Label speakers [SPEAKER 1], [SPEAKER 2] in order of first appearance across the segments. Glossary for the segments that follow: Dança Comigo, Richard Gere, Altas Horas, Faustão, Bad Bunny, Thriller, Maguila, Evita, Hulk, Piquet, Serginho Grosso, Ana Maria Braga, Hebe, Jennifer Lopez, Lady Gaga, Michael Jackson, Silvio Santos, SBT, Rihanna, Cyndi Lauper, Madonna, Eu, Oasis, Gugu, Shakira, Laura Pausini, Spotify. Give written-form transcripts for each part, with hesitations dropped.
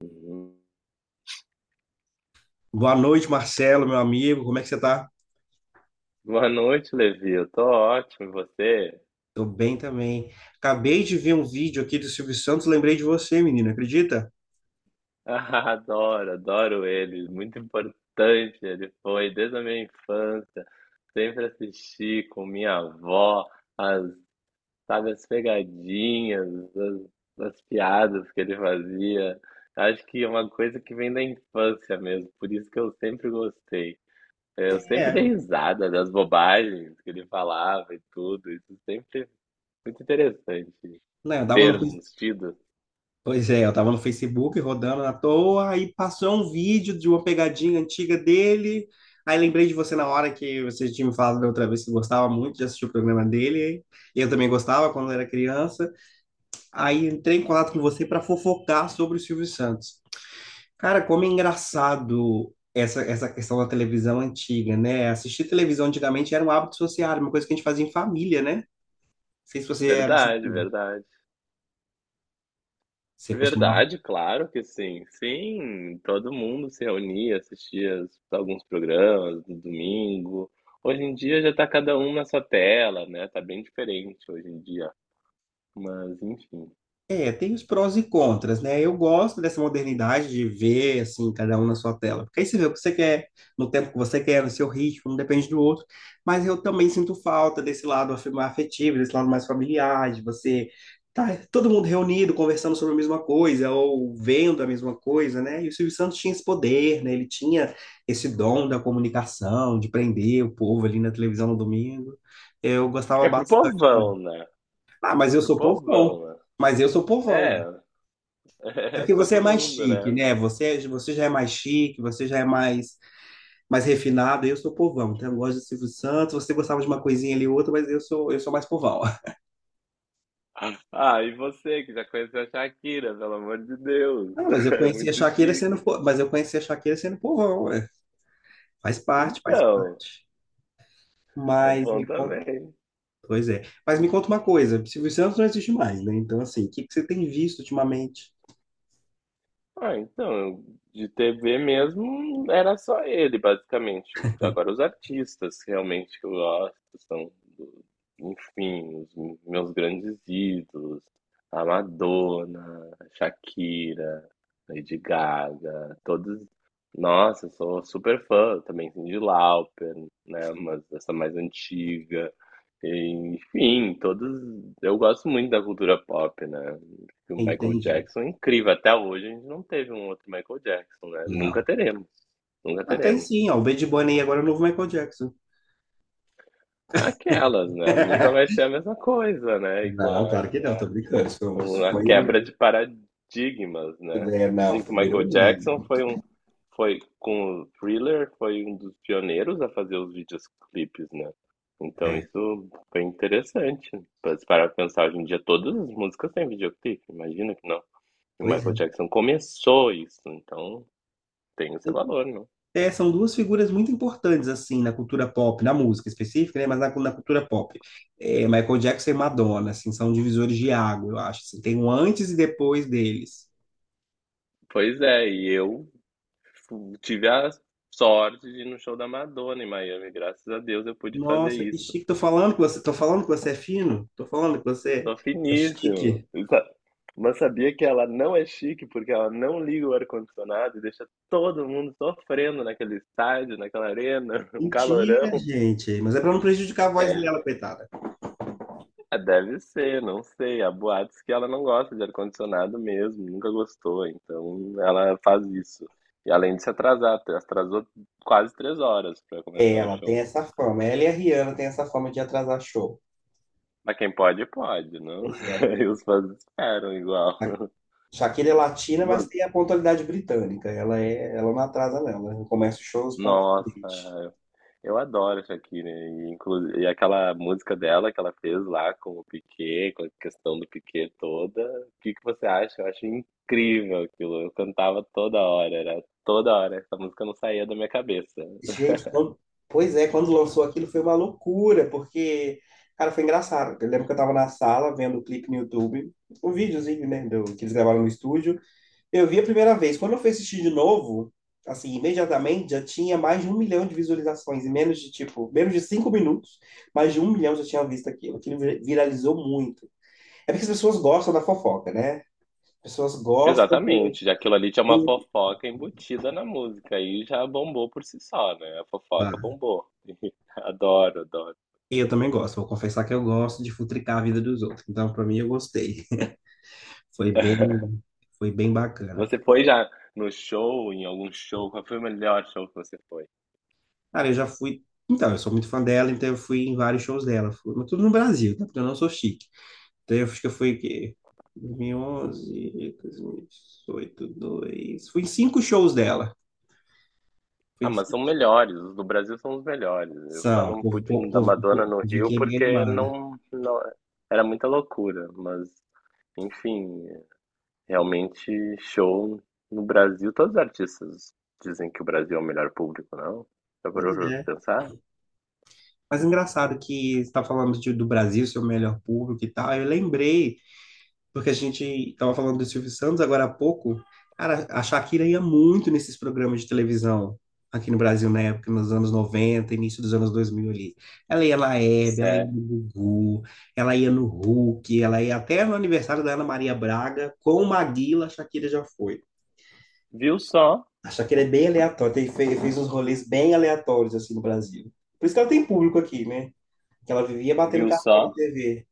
[SPEAKER 1] Uhum.
[SPEAKER 2] Boa noite, Marcelo, meu amigo. Como é que você tá?
[SPEAKER 1] Boa noite, Levi. Eu tô ótimo, e você?
[SPEAKER 2] Tô bem também. Acabei de ver um vídeo aqui do Silvio Santos, lembrei de você, menino, acredita?
[SPEAKER 1] Ah, adoro, adoro ele. Muito importante ele foi desde a minha infância. Sempre assisti com minha avó as, sabe, as pegadinhas, as piadas que ele fazia. Acho que é uma coisa que vem da infância mesmo, por isso que eu sempre gostei. Eu sempre
[SPEAKER 2] É,
[SPEAKER 1] dei
[SPEAKER 2] eu-
[SPEAKER 1] risada das bobagens que ele falava e tudo. Isso sempre é muito interessante.
[SPEAKER 2] né, eu tava no,
[SPEAKER 1] Termos, tidos.
[SPEAKER 2] pois é, eu tava no Facebook rodando na toa, aí passou um vídeo de uma pegadinha antiga dele. Aí lembrei de você na hora que você tinha me falado da outra vez que gostava muito de assistir o programa dele. E eu também gostava quando era criança. Aí entrei em contato com você para fofocar sobre o Silvio Santos. Cara, como é engraçado essa questão da televisão antiga, né? Assistir televisão antigamente era um hábito social, uma coisa que a gente fazia em família, né? Não sei se você era assim.
[SPEAKER 1] Verdade, verdade.
[SPEAKER 2] Você costumava.
[SPEAKER 1] Verdade, claro que sim. Sim, todo mundo se reunia, assistia alguns programas no domingo. Hoje em dia já tá cada um na sua tela, né? Tá bem diferente hoje em dia. Mas, enfim.
[SPEAKER 2] É, tem os prós e contras, né? Eu gosto dessa modernidade de ver, assim, cada um na sua tela. Porque aí você vê o que você quer, no tempo que você quer, no seu ritmo, não depende do outro. Mas eu também sinto falta desse lado afetivo, desse lado mais familiar, de você tá todo mundo reunido, conversando sobre a mesma coisa, ou vendo a mesma coisa, né? E o Silvio Santos tinha esse poder, né? Ele tinha esse dom da comunicação, de prender o povo ali na televisão no domingo. Eu gostava
[SPEAKER 1] É pro
[SPEAKER 2] bastante também.
[SPEAKER 1] povão, né?
[SPEAKER 2] Ah, mas eu
[SPEAKER 1] Pro
[SPEAKER 2] sou povão.
[SPEAKER 1] povão, né?
[SPEAKER 2] Mas eu sou povão.
[SPEAKER 1] É,
[SPEAKER 2] É
[SPEAKER 1] é
[SPEAKER 2] porque você é
[SPEAKER 1] todo
[SPEAKER 2] mais
[SPEAKER 1] mundo, né?
[SPEAKER 2] chique, né? Você já é mais chique, você já é mais refinado. Eu sou povão, então eu gosto de Silvio Santos. Você gostava de uma coisinha ali e outra, mas eu sou mais povão.
[SPEAKER 1] Ah, e você que já conheceu a Shakira, pelo amor de Deus.
[SPEAKER 2] Ah,
[SPEAKER 1] É muito chique.
[SPEAKER 2] Mas eu conheci a Shakira sendo povão, ué. Faz parte, faz
[SPEAKER 1] Então,
[SPEAKER 2] parte.
[SPEAKER 1] é
[SPEAKER 2] Mas me
[SPEAKER 1] bom
[SPEAKER 2] conta,
[SPEAKER 1] também.
[SPEAKER 2] pois é. Mas me conta uma coisa, Silvio Santos não existe mais, né? Então assim, o que que você tem visto ultimamente?
[SPEAKER 1] Ah, então, de TV mesmo era só ele, basicamente. Agora os artistas realmente que eu gosto são, enfim, os meus grandes ídolos, a Madonna, a Shakira, Lady Gaga, todos. Nossa, eu sou super fã também, Cyndi Lauper, né? Mas essa mais antiga. Enfim, todos. Eu gosto muito da cultura pop, né? O Michael
[SPEAKER 2] Entendi.
[SPEAKER 1] Jackson é incrível. Até hoje a gente não teve um outro Michael Jackson, né? Nunca
[SPEAKER 2] Não.
[SPEAKER 1] teremos. Nunca
[SPEAKER 2] Até
[SPEAKER 1] teremos.
[SPEAKER 2] sim, ó, o Bad Bunny agora é o novo Michael Jackson.
[SPEAKER 1] Aquelas, né? Nunca vai ser a mesma coisa, né? E com
[SPEAKER 2] Não,
[SPEAKER 1] a,
[SPEAKER 2] claro que não,
[SPEAKER 1] com
[SPEAKER 2] tô brincando.
[SPEAKER 1] com
[SPEAKER 2] Isso
[SPEAKER 1] a
[SPEAKER 2] foi
[SPEAKER 1] quebra
[SPEAKER 2] um
[SPEAKER 1] de paradigmas, né?
[SPEAKER 2] É, não,
[SPEAKER 1] Dizem que o
[SPEAKER 2] virou
[SPEAKER 1] Michael Jackson
[SPEAKER 2] meme.
[SPEAKER 1] foi com o Thriller, foi um dos pioneiros a fazer os videoclipes, né? Então
[SPEAKER 2] É,
[SPEAKER 1] isso foi interessante. Pra se parar pra pensar hoje em dia, todas as músicas têm videoclipe, imagina que não. E o
[SPEAKER 2] pois é.
[SPEAKER 1] Michael Jackson começou isso, então tem esse valor, não?
[SPEAKER 2] É, são duas figuras muito importantes, assim, na cultura pop, na música específica, né? Mas na, na cultura pop. É, Michael Jackson e Madonna, assim, são divisores de água, eu acho, assim. Tem um antes e depois deles.
[SPEAKER 1] Pois é, e eu tive a sorte de ir no show da Madonna em Miami, graças a Deus eu pude fazer
[SPEAKER 2] Nossa, que
[SPEAKER 1] isso.
[SPEAKER 2] chique. Tô falando que você é fino? Tô falando que você
[SPEAKER 1] Só
[SPEAKER 2] é
[SPEAKER 1] finíssimo.
[SPEAKER 2] chique.
[SPEAKER 1] Sa- Mas sabia que ela não é chique porque ela não liga o ar-condicionado e deixa todo mundo sofrendo naquele estádio, naquela arena, um calorão.
[SPEAKER 2] Mentira, gente. Mas é pra não prejudicar a voz dela,
[SPEAKER 1] É,
[SPEAKER 2] coitada.
[SPEAKER 1] deve ser, não sei. Há boatos que ela não gosta de ar-condicionado mesmo, nunca gostou, então ela faz isso. E além de se atrasar, atrasou quase 3 horas para
[SPEAKER 2] É,
[SPEAKER 1] começar o
[SPEAKER 2] ela tem
[SPEAKER 1] show.
[SPEAKER 2] essa fama. Ela e a Rihanna têm essa fama de atrasar show.
[SPEAKER 1] Mas quem pode, pode, não?
[SPEAKER 2] Pois é.
[SPEAKER 1] E os fãs esperam igual.
[SPEAKER 2] Shakira é
[SPEAKER 1] E
[SPEAKER 2] latina, mas
[SPEAKER 1] vo-
[SPEAKER 2] tem a pontualidade britânica. Ela não atrasa, não. Ela começa os shows pontualmente.
[SPEAKER 1] Nossa, eu adoro a Shakira, e, e aquela música dela que ela fez lá com o Piquet, com a questão do Piquet toda. O que que você acha? Eu acho incrível aquilo. Eu cantava toda hora, era toda hora. Essa música não saía da minha cabeça.
[SPEAKER 2] Gente, quando- Pois é, quando lançou aquilo foi uma loucura, porque, cara, foi engraçado. Eu lembro que eu tava na sala vendo o clipe no YouTube, o videozinho, né, que eles gravaram no estúdio. Eu vi a primeira vez. Quando eu fui assistir de novo, assim, imediatamente já tinha mais de 1 milhão de visualizações, em menos de, tipo, menos de 5 minutos, mais de 1 milhão já tinha visto aquilo. Aquilo viralizou muito. É porque as pessoas gostam da fofoca, né? Pessoas gostam do,
[SPEAKER 1] Exatamente, já aquilo ali tinha uma
[SPEAKER 2] do-
[SPEAKER 1] fofoca embutida na música e já bombou por si só, né? A fofoca
[SPEAKER 2] Claro.
[SPEAKER 1] bombou. Adoro, adoro.
[SPEAKER 2] E eu também gosto, vou confessar que eu gosto de futricar a vida dos outros. Então, pra mim, eu gostei. Foi bem, foi bem bacana.
[SPEAKER 1] Você foi já no show, em algum show? Qual foi o melhor show que você foi?
[SPEAKER 2] Cara, eu já fui. Então, eu sou muito fã dela, então eu fui em vários shows dela. Fui, mas tudo no Brasil, tá? Porque eu não sou chique. Então, eu acho que eu fui o quê? 2011, 2018, dois. mil e dezoito, dois. Fui em cinco shows dela. Fui
[SPEAKER 1] Ah,
[SPEAKER 2] em
[SPEAKER 1] mas são
[SPEAKER 2] cinco.
[SPEAKER 1] melhores, os do Brasil são os melhores. Eu só
[SPEAKER 2] São, o
[SPEAKER 1] não
[SPEAKER 2] povo,
[SPEAKER 1] pude ir
[SPEAKER 2] povo,
[SPEAKER 1] no da
[SPEAKER 2] povo,
[SPEAKER 1] Madonna
[SPEAKER 2] povo
[SPEAKER 1] no
[SPEAKER 2] de
[SPEAKER 1] Rio
[SPEAKER 2] que é bem
[SPEAKER 1] porque
[SPEAKER 2] animada.
[SPEAKER 1] não era muita loucura, mas enfim, realmente show no Brasil, todos os artistas dizem que o Brasil é o melhor público, não? Já
[SPEAKER 2] Pois
[SPEAKER 1] parou
[SPEAKER 2] é.
[SPEAKER 1] pra pensar?
[SPEAKER 2] Mas engraçado que você está falando do Brasil, seu melhor público e tal. Eu lembrei, porque a gente estava falando do Silvio Santos agora há pouco. Cara, a Shakira ia muito nesses programas de televisão aqui no Brasil na época, nos anos 90, início dos anos 2000 ali. Ela ia na Hebe, ela ia
[SPEAKER 1] Sério.
[SPEAKER 2] no Gugu, ela ia no Hulk, ela ia até no aniversário da Ana Maria Braga, com o Maguila, a Shakira já foi.
[SPEAKER 1] Viu só?
[SPEAKER 2] A Shakira é bem aleatória, fez uns rolês bem aleatórios assim no Brasil. Por isso que ela tem público aqui, né? Que ela vivia batendo
[SPEAKER 1] Viu
[SPEAKER 2] cartão na
[SPEAKER 1] só?
[SPEAKER 2] TV.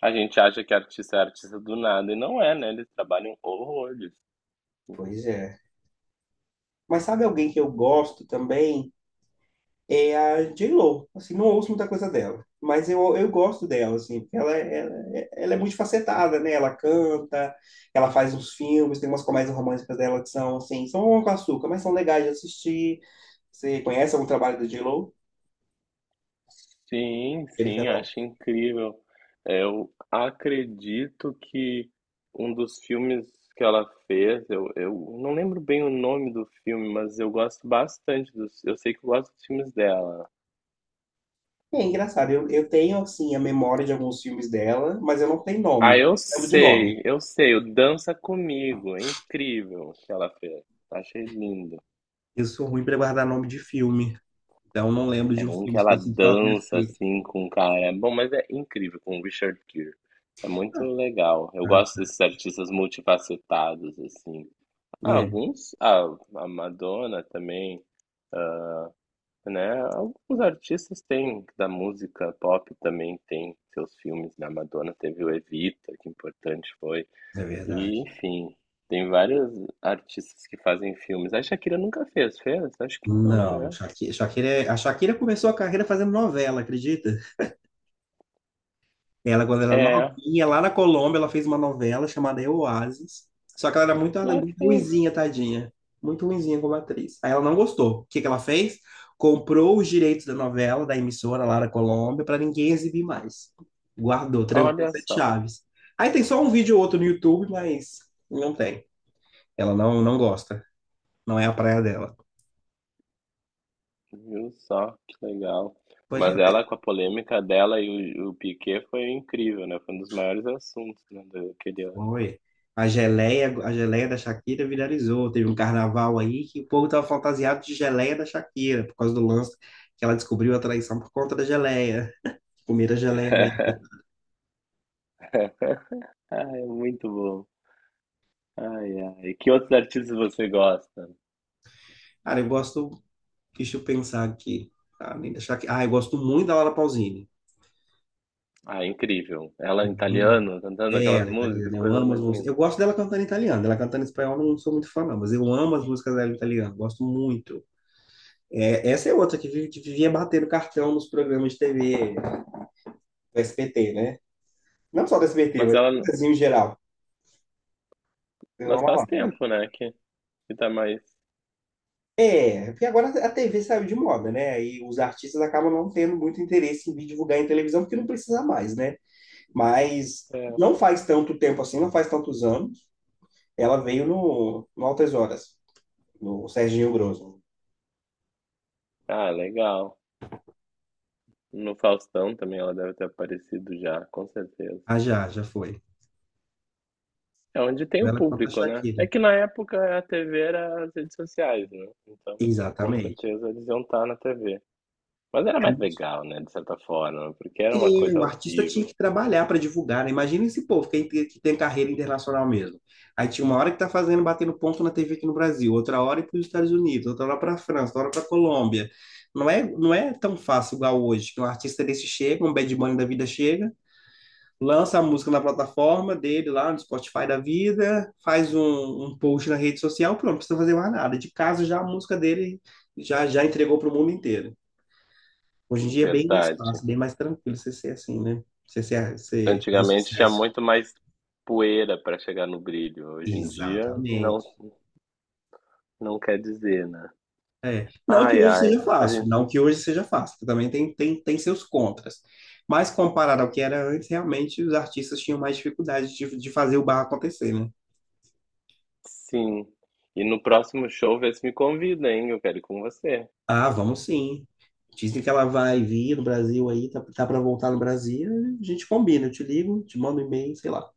[SPEAKER 1] A gente acha que artista é artista do nada e não é, né? Eles trabalham horrores.
[SPEAKER 2] Pois é. Mas sabe alguém que eu gosto também? É a J Lo. Assim, não ouço muita coisa dela. Mas eu gosto dela, assim. Porque ela é multifacetada, né? Ela canta, ela faz uns filmes, tem umas comédias românticas dela que assim, são um com açúcar, mas são legais de assistir. Você conhece algum trabalho da J.Lo?
[SPEAKER 1] Sim,
[SPEAKER 2] Jennifer
[SPEAKER 1] sim,
[SPEAKER 2] Lopez?
[SPEAKER 1] acho incrível. É, eu acredito que um dos filmes que ela fez, eu não lembro bem o nome do filme, mas eu gosto bastante dos. Eu sei que eu gosto dos filmes dela.
[SPEAKER 2] É engraçado. Eu tenho, assim, a memória de alguns filmes dela, mas eu não tenho
[SPEAKER 1] Ah,
[SPEAKER 2] nome. Lembro de nome.
[SPEAKER 1] eu sei, o Dança Comigo, é incrível o que ela fez. Achei lindo.
[SPEAKER 2] Eu sou ruim para guardar nome de filme. Então, não lembro
[SPEAKER 1] É
[SPEAKER 2] de um
[SPEAKER 1] um
[SPEAKER 2] filme
[SPEAKER 1] que ela
[SPEAKER 2] específico que ela tenha
[SPEAKER 1] dança
[SPEAKER 2] feito.
[SPEAKER 1] assim com o cara. É bom, mas é incrível com o Richard Gere. É muito legal. Eu
[SPEAKER 2] Ah,
[SPEAKER 1] gosto desses artistas multifacetados assim. Ah,
[SPEAKER 2] é,
[SPEAKER 1] alguns, ah, a Madonna também, né? Alguns artistas têm da música pop também tem seus filmes, né? A Madonna teve o Evita, que importante foi.
[SPEAKER 2] é verdade.
[SPEAKER 1] E, enfim, tem vários artistas que fazem filmes. A Shakira nunca fez, fez? Acho que não,
[SPEAKER 2] Não,
[SPEAKER 1] né?
[SPEAKER 2] a Shakira começou a carreira fazendo novela, acredita? Ela, quando era
[SPEAKER 1] É,
[SPEAKER 2] novinha, lá na Colômbia, ela fez uma novela chamada Eu, Oasis. Só que ela era muito,
[SPEAKER 1] lá
[SPEAKER 2] muito
[SPEAKER 1] fez.
[SPEAKER 2] ruinzinha, tadinha. Muito ruinzinha como atriz. Aí ela não gostou. O que que ela fez? Comprou os direitos da novela, da emissora lá na Colômbia, para ninguém exibir mais. Guardou, trancou
[SPEAKER 1] Olha
[SPEAKER 2] sete
[SPEAKER 1] só,
[SPEAKER 2] chaves. Aí tem só um vídeo ou outro no YouTube, mas não tem. Ela não, não gosta. Não é a praia dela.
[SPEAKER 1] viu só, que legal.
[SPEAKER 2] Pois é,
[SPEAKER 1] Mas ela com a polêmica dela e o Piquet foi incrível, né? Foi um dos maiores assuntos, né, daquele ano.
[SPEAKER 2] foi. A geleia da Shakira viralizou. Teve um carnaval aí que o povo estava fantasiado de geleia da Shakira, por causa do lance que ela descobriu a traição por conta da geleia. Comer a geleia dela.
[SPEAKER 1] Ai, muito bom. Ai, ai. Que outros artistas você gosta?
[SPEAKER 2] Cara, eu gosto, deixa eu pensar aqui. Ah, eu gosto muito da Laura Pausini.
[SPEAKER 1] Ah, incrível. Ela em
[SPEAKER 2] Eu amo.
[SPEAKER 1] italiano, cantando
[SPEAKER 2] É,
[SPEAKER 1] aquelas
[SPEAKER 2] ela é
[SPEAKER 1] músicas,
[SPEAKER 2] italiana, eu
[SPEAKER 1] coisa
[SPEAKER 2] amo as
[SPEAKER 1] mais
[SPEAKER 2] músicas.
[SPEAKER 1] linda.
[SPEAKER 2] Eu gosto dela cantando em italiano, ela cantando em espanhol, eu não sou muito fã, não, mas eu amo as músicas dela em italiano, gosto muito. É, essa é outra que vivia batendo cartão nos programas de TV do SBT, né? Não só do SBT,
[SPEAKER 1] Mas
[SPEAKER 2] mas do
[SPEAKER 1] ela,
[SPEAKER 2] Brasil em geral. Deu uma
[SPEAKER 1] mas faz
[SPEAKER 2] palavra.
[SPEAKER 1] tempo, né, que tá mais...
[SPEAKER 2] É, porque agora a TV saiu de moda, né? E os artistas acabam não tendo muito interesse em vir divulgar em televisão, porque não precisa mais, né? Mas
[SPEAKER 1] É.
[SPEAKER 2] não faz tanto tempo assim, não faz tantos anos. Ela veio no Altas Horas, no Serginho Grosso.
[SPEAKER 1] Ah, legal. No Faustão também ela deve ter aparecido já, com certeza.
[SPEAKER 2] Ah, já, já foi.
[SPEAKER 1] É onde tem o
[SPEAKER 2] Ela contra a
[SPEAKER 1] público, né? É
[SPEAKER 2] Shakira.
[SPEAKER 1] que na época a TV era as redes sociais, né? Então, com
[SPEAKER 2] Exatamente.
[SPEAKER 1] certeza eles iam estar na TV. Mas era mais legal, né, de certa forma, porque era uma
[SPEAKER 2] Sim,
[SPEAKER 1] coisa
[SPEAKER 2] o
[SPEAKER 1] ao
[SPEAKER 2] artista
[SPEAKER 1] vivo,
[SPEAKER 2] tinha que trabalhar para divulgar, né? Imagina esse povo que tem carreira internacional mesmo. Aí tinha uma hora que tá fazendo, batendo ponto na TV aqui no Brasil, outra hora para os Estados Unidos, outra hora para a França, outra hora para a Colômbia. Não é tão fácil igual hoje, que um artista desse chega, um Bad Bunny da vida chega, lança a música na plataforma dele lá no Spotify da vida, faz um post na rede social, pronto, não precisa fazer mais nada. De casa já a música dele já entregou para o mundo inteiro. Hoje em dia é bem mais
[SPEAKER 1] verdade.
[SPEAKER 2] fácil, bem mais tranquilo você ser assim, né? Você fazer
[SPEAKER 1] Antigamente tinha
[SPEAKER 2] sucesso.
[SPEAKER 1] muito mais poeira para chegar no brilho. Hoje em dia não
[SPEAKER 2] Exatamente.
[SPEAKER 1] não quer dizer, né?
[SPEAKER 2] É. Não que
[SPEAKER 1] Ai,
[SPEAKER 2] hoje
[SPEAKER 1] ai.
[SPEAKER 2] seja
[SPEAKER 1] A
[SPEAKER 2] fácil,
[SPEAKER 1] gente-
[SPEAKER 2] não que hoje seja fácil, que também tem seus contras. Mas comparado ao que era antes, realmente os artistas tinham mais dificuldade de fazer o barro acontecer, né?
[SPEAKER 1] sim. E no próximo show vê se me convida, hein? Eu quero ir com você.
[SPEAKER 2] Ah, vamos sim. Dizem que ela vai vir no Brasil aí, tá para voltar no Brasil, a gente combina, eu te ligo, te mando um e-mail, sei lá.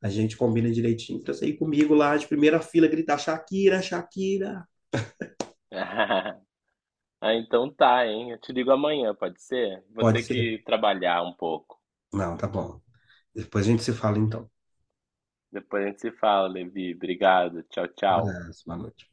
[SPEAKER 2] A gente combina direitinho pra você ir comigo lá de primeira fila gritar Shakira, Shakira.
[SPEAKER 1] Ah, então tá, hein? Eu te ligo amanhã, pode ser? Vou
[SPEAKER 2] Pode
[SPEAKER 1] ter que
[SPEAKER 2] ser.
[SPEAKER 1] trabalhar um pouco.
[SPEAKER 2] Não, tá bom. Depois a gente se fala então.
[SPEAKER 1] Depois a gente se fala, Levi. Obrigado. Tchau,
[SPEAKER 2] Um
[SPEAKER 1] tchau.
[SPEAKER 2] Abraço, boa noite.